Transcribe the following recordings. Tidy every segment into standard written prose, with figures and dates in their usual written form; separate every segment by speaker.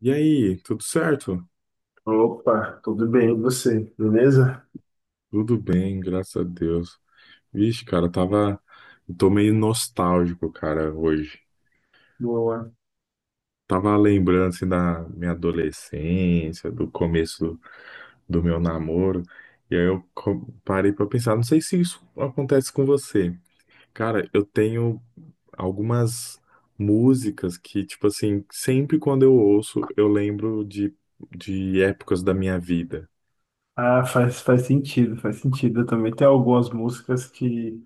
Speaker 1: E aí, tudo certo?
Speaker 2: Opa, tudo bem, e você? Beleza?
Speaker 1: Tudo bem, graças a Deus. Vixe, cara, tava. Eu tô meio nostálgico, cara, hoje.
Speaker 2: Boa.
Speaker 1: Tava lembrando, assim, da minha adolescência, do começo do meu namoro. E aí eu parei pra pensar, não sei se isso acontece com você. Cara, eu tenho algumas músicas que, tipo assim, sempre quando eu ouço, eu lembro de épocas da minha vida.
Speaker 2: Ah, faz sentido, faz sentido. Eu também tenho algumas músicas que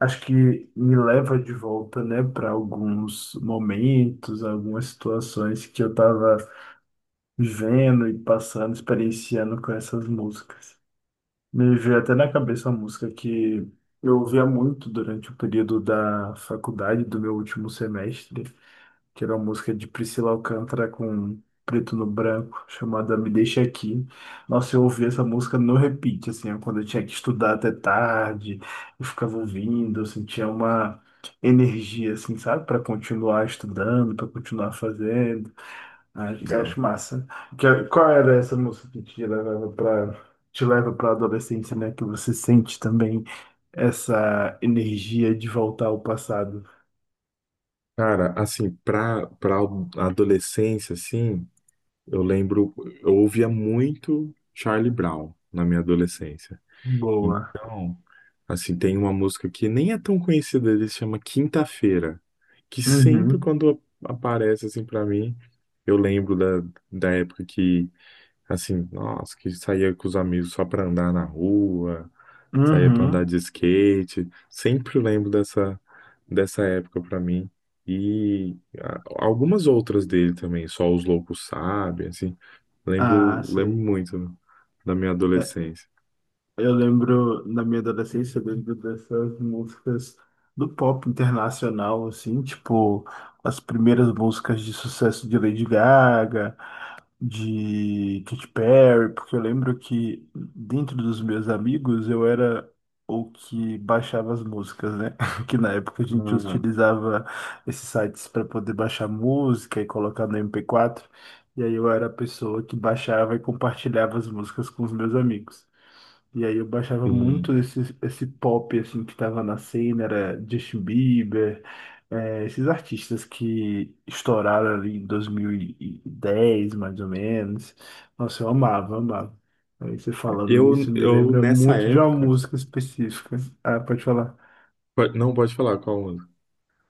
Speaker 2: acho que me leva de volta, né, para alguns momentos, algumas situações que eu tava vivendo e passando, experienciando com essas músicas. Me veio até na cabeça uma música que eu ouvia muito durante o período da faculdade, do meu último semestre. Que era uma música de Priscila Alcântara com Preto no Branco, chamada Me Deixa Aqui. Nossa, eu ouvi essa música no repeat, assim, ó, quando eu tinha que estudar até tarde, eu ficava ouvindo, eu sentia uma energia, assim, sabe, para continuar estudando, para continuar fazendo. Acho massa. Qual era essa música que te levava para te leva para a adolescência, né? Que você sente também essa energia de voltar ao passado.
Speaker 1: Cara, assim, pra adolescência, assim, eu lembro, eu ouvia muito Charlie Brown na minha adolescência.
Speaker 2: Boa.
Speaker 1: Então, assim, tem uma música que nem é tão conhecida, ele chama Quinta-feira, que sempre
Speaker 2: Uhum,
Speaker 1: quando aparece, assim, pra mim, eu lembro da época que, assim, nossa, que saía com os amigos só pra andar na rua. Saía pra andar
Speaker 2: uhum.
Speaker 1: de skate. Sempre lembro dessa época pra mim. E algumas outras dele também, Só os Loucos Sabem, assim.
Speaker 2: Ah,
Speaker 1: Lembro, lembro
Speaker 2: sim.
Speaker 1: muito da minha
Speaker 2: É,
Speaker 1: adolescência.
Speaker 2: eu lembro, na minha adolescência, eu lembro dessas músicas do pop internacional, assim, tipo, as primeiras músicas de sucesso de Lady Gaga, de Katy Perry, porque eu lembro que dentro dos meus amigos eu era o que baixava as músicas, né? Que na época a gente
Speaker 1: Ah,
Speaker 2: utilizava esses sites para poder baixar música e colocar no MP4, e aí eu era a pessoa que baixava e compartilhava as músicas com os meus amigos. E aí eu baixava
Speaker 1: sim.
Speaker 2: muito esse pop assim que tava na cena, era Justin Bieber, esses artistas que estouraram ali em 2010, mais ou menos. Nossa, eu amava, amava. Aí você falando
Speaker 1: Eu,
Speaker 2: nisso me
Speaker 1: eu
Speaker 2: lembra
Speaker 1: nessa
Speaker 2: muito de uma
Speaker 1: época.
Speaker 2: música específica. Ah, pode falar.
Speaker 1: Não, pode falar qual música.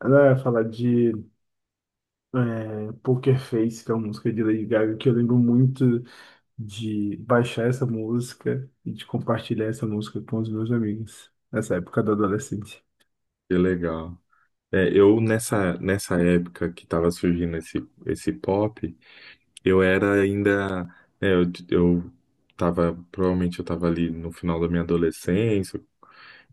Speaker 2: Não, ia falar de Poker Face, que é uma música de Lady Gaga, que eu lembro muito de baixar essa música e de compartilhar essa música com os meus amigos nessa época da adolescência.
Speaker 1: Que legal. É, eu nessa época que tava surgindo esse pop. Eu era ainda, é, eu, eu provavelmente eu tava ali no final da minha adolescência,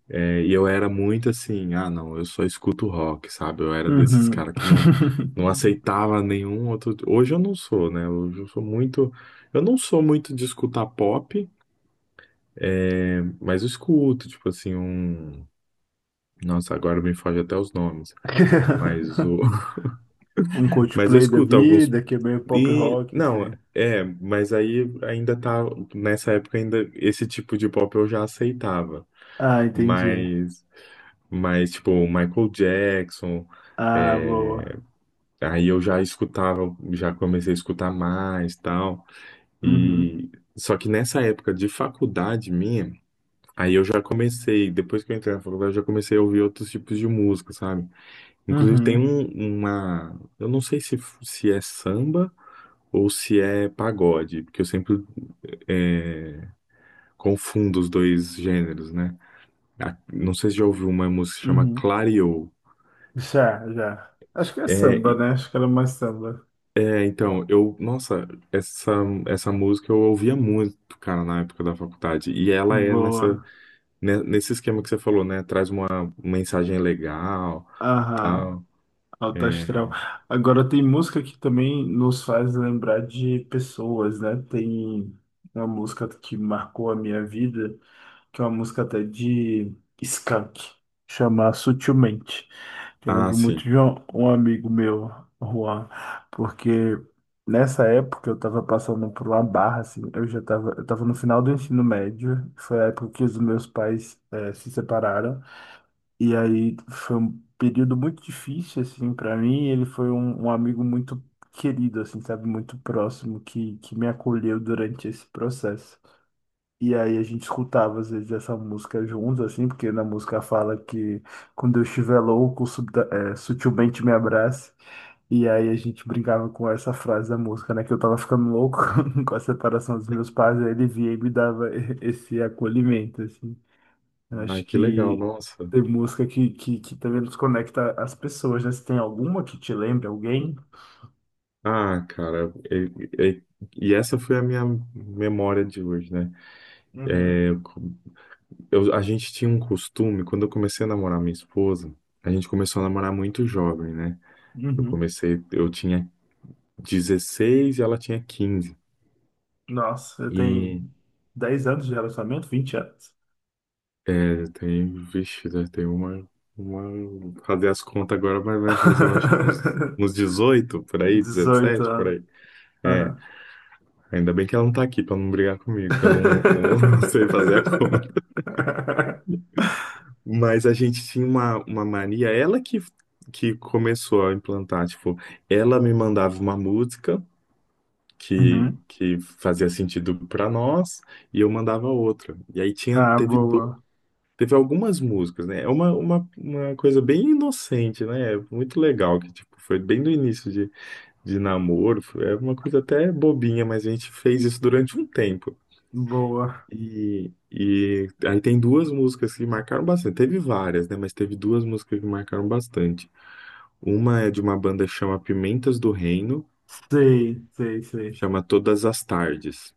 Speaker 1: e eu era muito assim, ah, não, eu só escuto rock, sabe? Eu era desses
Speaker 2: Uhum.
Speaker 1: caras que não aceitava nenhum outro. Hoje eu não sou, né? Hoje eu não sou muito de escutar pop, mas eu escuto, tipo assim, um, nossa, agora me foge até os nomes, mas
Speaker 2: Um
Speaker 1: mas eu
Speaker 2: Coldplay da
Speaker 1: escuto alguns
Speaker 2: vida, que é meio pop
Speaker 1: E
Speaker 2: rock,
Speaker 1: não,
Speaker 2: assim.
Speaker 1: é, mas aí ainda tá nessa época ainda esse tipo de pop eu já aceitava,
Speaker 2: Ah, entendi.
Speaker 1: mas tipo o Michael Jackson,
Speaker 2: Ah, boa.
Speaker 1: é, aí eu já escutava, já comecei a escutar mais, tal.
Speaker 2: Uhum.
Speaker 1: E só que nessa época de faculdade minha, aí eu já comecei, depois que eu entrei na faculdade, eu já comecei a ouvir outros tipos de música, sabe? Inclusive tem
Speaker 2: Uhum.
Speaker 1: um, uma, eu não sei se é samba ou se é pagode, porque eu sempre é, confundo os dois gêneros, né? Não sei se já ouviu uma música que chama
Speaker 2: Uhum.
Speaker 1: Clareou.
Speaker 2: Já, já. Acho que é
Speaker 1: É,
Speaker 2: samba, né? Acho que era mais samba.
Speaker 1: então, eu, nossa, essa, essa música eu ouvia muito, cara, na época da faculdade. E ela é nessa,
Speaker 2: Boa.
Speaker 1: né, nesse esquema que você falou, né? Traz uma mensagem legal,
Speaker 2: Aham.
Speaker 1: tal.
Speaker 2: Alto
Speaker 1: É,
Speaker 2: astral. Agora tem música que também nos faz lembrar de pessoas, né? Tem uma música que marcou a minha vida, que é uma música até de Skank, chama Sutilmente. Que eu
Speaker 1: ah,
Speaker 2: lembro muito
Speaker 1: sim.
Speaker 2: de um amigo meu, Juan, porque nessa época eu estava passando por uma barra, assim, eu já estava eu tava no final do ensino médio, foi a época que os meus pais se separaram, e aí foi um período muito difícil, assim, para mim, e ele foi um amigo muito querido, assim, sabe, muito próximo, que me acolheu durante esse processo. E aí a gente escutava às vezes essa música juntos, assim, porque na música fala que quando eu estiver louco, sutilmente me abrace. E aí a gente brincava com essa frase da música, né? Que eu tava ficando louco com a separação dos meus pais, aí ele vinha e me dava esse acolhimento, assim. Eu
Speaker 1: Ah,
Speaker 2: acho
Speaker 1: que legal,
Speaker 2: que
Speaker 1: nossa.
Speaker 2: tem música que também nos conecta às pessoas, né? Se tem alguma que te lembre, alguém.
Speaker 1: Ah, cara, e essa foi a minha memória de hoje, né?
Speaker 2: Uhum.
Speaker 1: É, eu, a gente tinha um costume, quando eu comecei a namorar minha esposa, a gente começou a namorar muito jovem, né? Eu
Speaker 2: Uhum.
Speaker 1: comecei, eu tinha 16 e ela tinha 15.
Speaker 2: Nossa, eu tenho
Speaker 1: E
Speaker 2: 10 anos de relacionamento, 20 anos.
Speaker 1: é, tem, vixe, né, tem fazer as contas agora, mas vai fazer, eu acho que uns, uns 18, por aí,
Speaker 2: 18
Speaker 1: 17 por
Speaker 2: anos.
Speaker 1: aí. É,
Speaker 2: Aham.
Speaker 1: ainda bem que ela não tá aqui pra não brigar comigo, que eu não sei fazer a conta. Mas a gente tinha uma mania, ela que começou a implantar, tipo, ela me mandava uma música que,
Speaker 2: Uhum.
Speaker 1: que fazia sentido para nós e eu mandava outra. E aí tinha,
Speaker 2: Ah,
Speaker 1: teve,
Speaker 2: boa.
Speaker 1: teve algumas músicas, né? É uma coisa bem inocente, né? é muito legal, que tipo, foi bem do início de namoro, é uma coisa até bobinha, mas a gente fez isso durante um tempo.
Speaker 2: Boa.
Speaker 1: E aí tem duas músicas que marcaram bastante. Teve várias, né? Mas teve duas músicas que marcaram bastante. Uma é de uma banda que chama Pimentas do Reino,
Speaker 2: Sei, sei, sei.
Speaker 1: chama Todas as Tardes.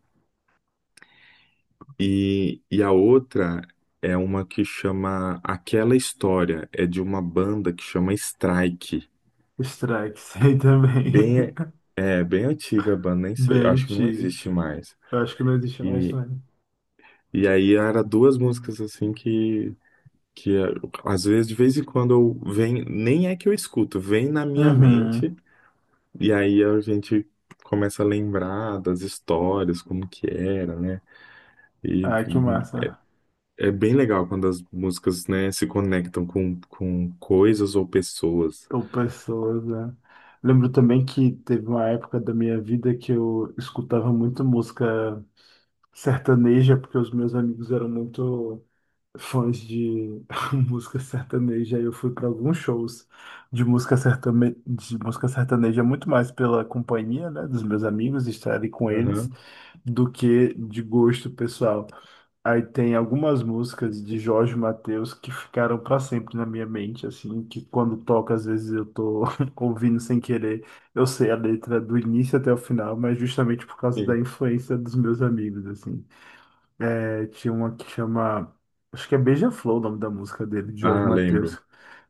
Speaker 1: E a outra é uma que chama Aquela História, é de uma banda que chama Strike.
Speaker 2: Strike, sei também.
Speaker 1: Bem, é bem antiga a banda, nem
Speaker 2: Bem
Speaker 1: sei, acho que não
Speaker 2: antigo.
Speaker 1: existe mais.
Speaker 2: Eu acho que não existe mais
Speaker 1: E,
Speaker 2: também.
Speaker 1: e aí era duas músicas assim que é, às vezes, de vez em quando, eu vem, nem é que eu escuto, vem na minha
Speaker 2: Uhum.
Speaker 1: mente, e aí a gente começa a lembrar das histórias, como que era, né? E
Speaker 2: Ah, que massa.
Speaker 1: é bem legal quando as músicas, né, se conectam com, coisas ou pessoas.
Speaker 2: Ou pessoas, né? Lembro também que teve uma época da minha vida que eu escutava muito música sertaneja, porque os meus amigos eram muito fãs de música sertaneja, eu fui para alguns shows de música de música sertaneja muito mais pela companhia, né, dos meus amigos, estar ali com eles,
Speaker 1: Aham,
Speaker 2: do que de gosto pessoal. Aí tem algumas músicas de Jorge Mateus que ficaram para sempre na minha mente, assim, que quando toca, às vezes eu tô ouvindo sem querer, eu sei a letra do início até o final, mas justamente por causa da
Speaker 1: sim.
Speaker 2: influência dos meus amigos, assim. Aí tinha uma que chama. Acho que é Beija-Flor o nome da música dele, de Jorge
Speaker 1: Ah, lembro.
Speaker 2: Mateus.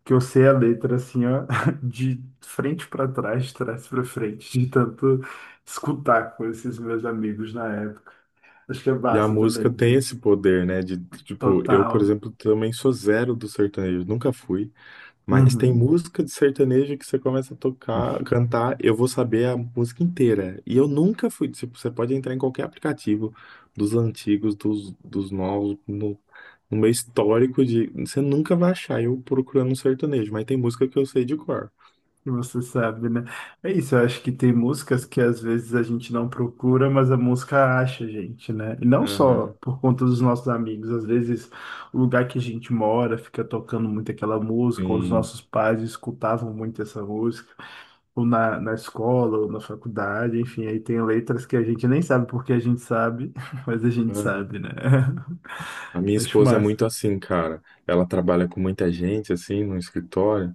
Speaker 2: Que eu sei a letra assim, ó, de frente para trás, de trás para frente, de tanto escutar com esses meus amigos na época. Acho que é
Speaker 1: E a
Speaker 2: massa também,
Speaker 1: música tem
Speaker 2: de
Speaker 1: esse poder, né? De, tipo, eu, por
Speaker 2: total.
Speaker 1: exemplo, também sou zero do sertanejo, nunca fui. Mas tem
Speaker 2: Uhum.
Speaker 1: música de sertanejo que você começa a tocar, cantar, eu vou saber a música inteira. E eu nunca fui, tipo, você pode entrar em qualquer aplicativo dos antigos, dos novos, no, no meu histórico de, você nunca vai achar eu procurando um sertanejo, mas tem música que eu sei de cor.
Speaker 2: Você sabe, né? É isso, eu acho que tem músicas que às vezes a gente não procura, mas a música acha a gente, né? E não só
Speaker 1: Aham,
Speaker 2: por conta dos nossos amigos, às vezes o lugar que a gente mora fica tocando muito aquela música, ou os
Speaker 1: sim.
Speaker 2: nossos pais escutavam muito essa música, ou na escola, ou na faculdade, enfim, aí tem letras que a gente nem sabe porque a gente sabe, mas a gente
Speaker 1: Aham.
Speaker 2: sabe, né?
Speaker 1: A minha
Speaker 2: Acho
Speaker 1: esposa é muito
Speaker 2: massa.
Speaker 1: assim, cara. Ela trabalha com muita gente, assim, no escritório.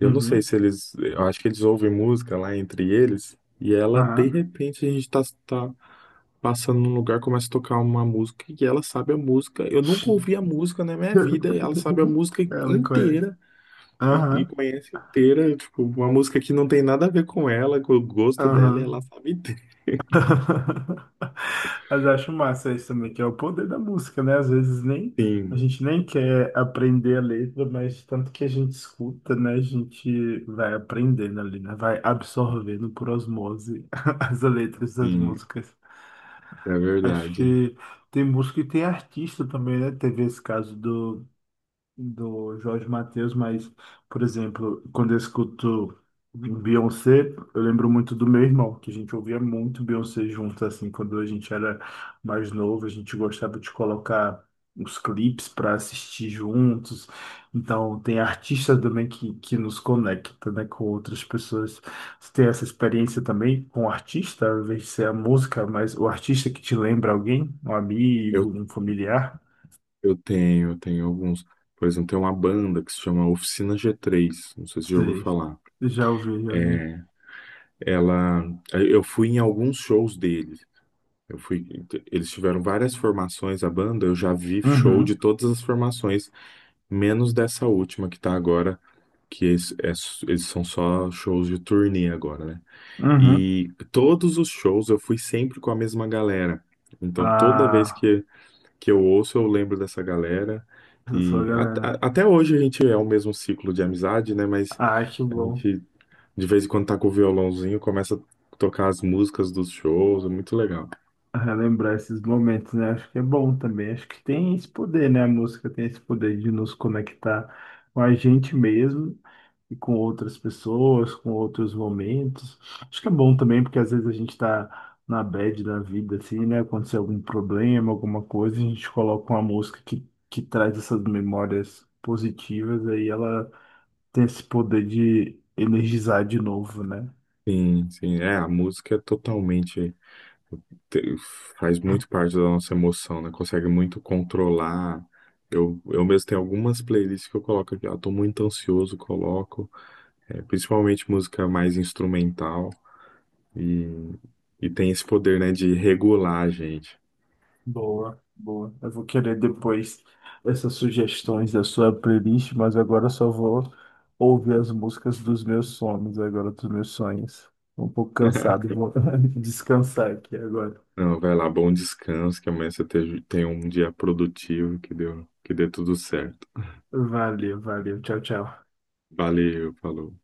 Speaker 1: Eu não sei
Speaker 2: Uhum.
Speaker 1: se eles. Eu acho que eles ouvem música lá entre eles. E ela,
Speaker 2: Aham.
Speaker 1: de repente, a gente tá, passando num lugar, começa a tocar uma música e ela sabe a música. Eu nunca ouvi a música na minha vida, ela sabe a música
Speaker 2: Ela conhece.
Speaker 1: inteira e
Speaker 2: Aham.
Speaker 1: conhece inteira, tipo, uma música que não tem nada a ver com ela, com o gosto dela, e ela
Speaker 2: Aham.
Speaker 1: sabe inteira.
Speaker 2: Mas eu acho massa isso também, que é o poder da música, né? Às vezes nem a
Speaker 1: Sim,
Speaker 2: gente nem quer aprender a letra, mas tanto que a gente escuta, né? A gente vai aprendendo ali, né? Vai absorvendo por osmose as letras das
Speaker 1: sim,
Speaker 2: músicas.
Speaker 1: é
Speaker 2: Acho
Speaker 1: verdade.
Speaker 2: que tem música e tem artista também, né? Teve esse caso do Jorge Mateus, mas, por exemplo, quando eu escuto Beyoncé, eu lembro muito do meu irmão, que a gente ouvia muito Beyoncé junto, assim, quando a gente era mais novo, a gente gostava de colocar os clipes para assistir juntos. Então, tem artistas também que nos conecta, né, com outras pessoas. Você tem essa experiência também com o artista, ao invés de ser a música, mas o artista que te lembra alguém, um
Speaker 1: Eu,
Speaker 2: amigo, um familiar?
Speaker 1: eu tenho alguns. Por exemplo, tem uma banda que se chama Oficina G3, não sei se você já ouviu
Speaker 2: Sei.
Speaker 1: falar.
Speaker 2: Já ouvi, já ouvi.
Speaker 1: Ela, eu fui em alguns shows deles. Eu fui, eles tiveram várias formações, a banda, eu já vi show de
Speaker 2: Uhum,
Speaker 1: todas as formações menos dessa última que tá agora, que eles são só shows de turnê agora, né?
Speaker 2: uhum.
Speaker 1: E todos os shows eu fui sempre com a mesma galera. Então toda vez
Speaker 2: Ah,
Speaker 1: que eu ouço, eu lembro dessa galera.
Speaker 2: eu sou a
Speaker 1: E
Speaker 2: galera.
Speaker 1: até hoje a gente é o mesmo ciclo de amizade, né? Mas
Speaker 2: Ah, acho
Speaker 1: a
Speaker 2: bom
Speaker 1: gente, de vez em quando, tá com o violãozinho, começa a tocar as músicas dos shows, é muito legal.
Speaker 2: relembrar esses momentos, né? Acho que é bom também. Acho que tem esse poder, né? A música tem esse poder de nos conectar com a gente mesmo e com outras pessoas, com outros momentos. Acho que é bom também, porque às vezes a gente tá na bad da vida, assim, né? Aconteceu algum problema, alguma coisa, a gente coloca uma música que traz essas memórias positivas, aí ela ter esse poder de energizar de novo, né?
Speaker 1: Sim, sim, é, a música é totalmente te- faz muito parte da nossa emoção, né? Consegue muito controlar. Eu mesmo tenho algumas playlists que eu coloco aqui. Ah, tô muito ansioso, coloco. É, principalmente música mais instrumental. E, e tem esse poder, né, de regular a gente.
Speaker 2: Boa, boa. Eu vou querer depois essas sugestões da sua playlist, mas agora eu só vou ouvir as músicas dos meus sonhos, agora dos meus sonhos. Tô um pouco cansado, e vou descansar aqui agora.
Speaker 1: Não, vai lá, bom descanso, que amanhã você tenha um dia produtivo, que dê tudo certo.
Speaker 2: Valeu, valeu. Tchau, tchau.
Speaker 1: Valeu, falou.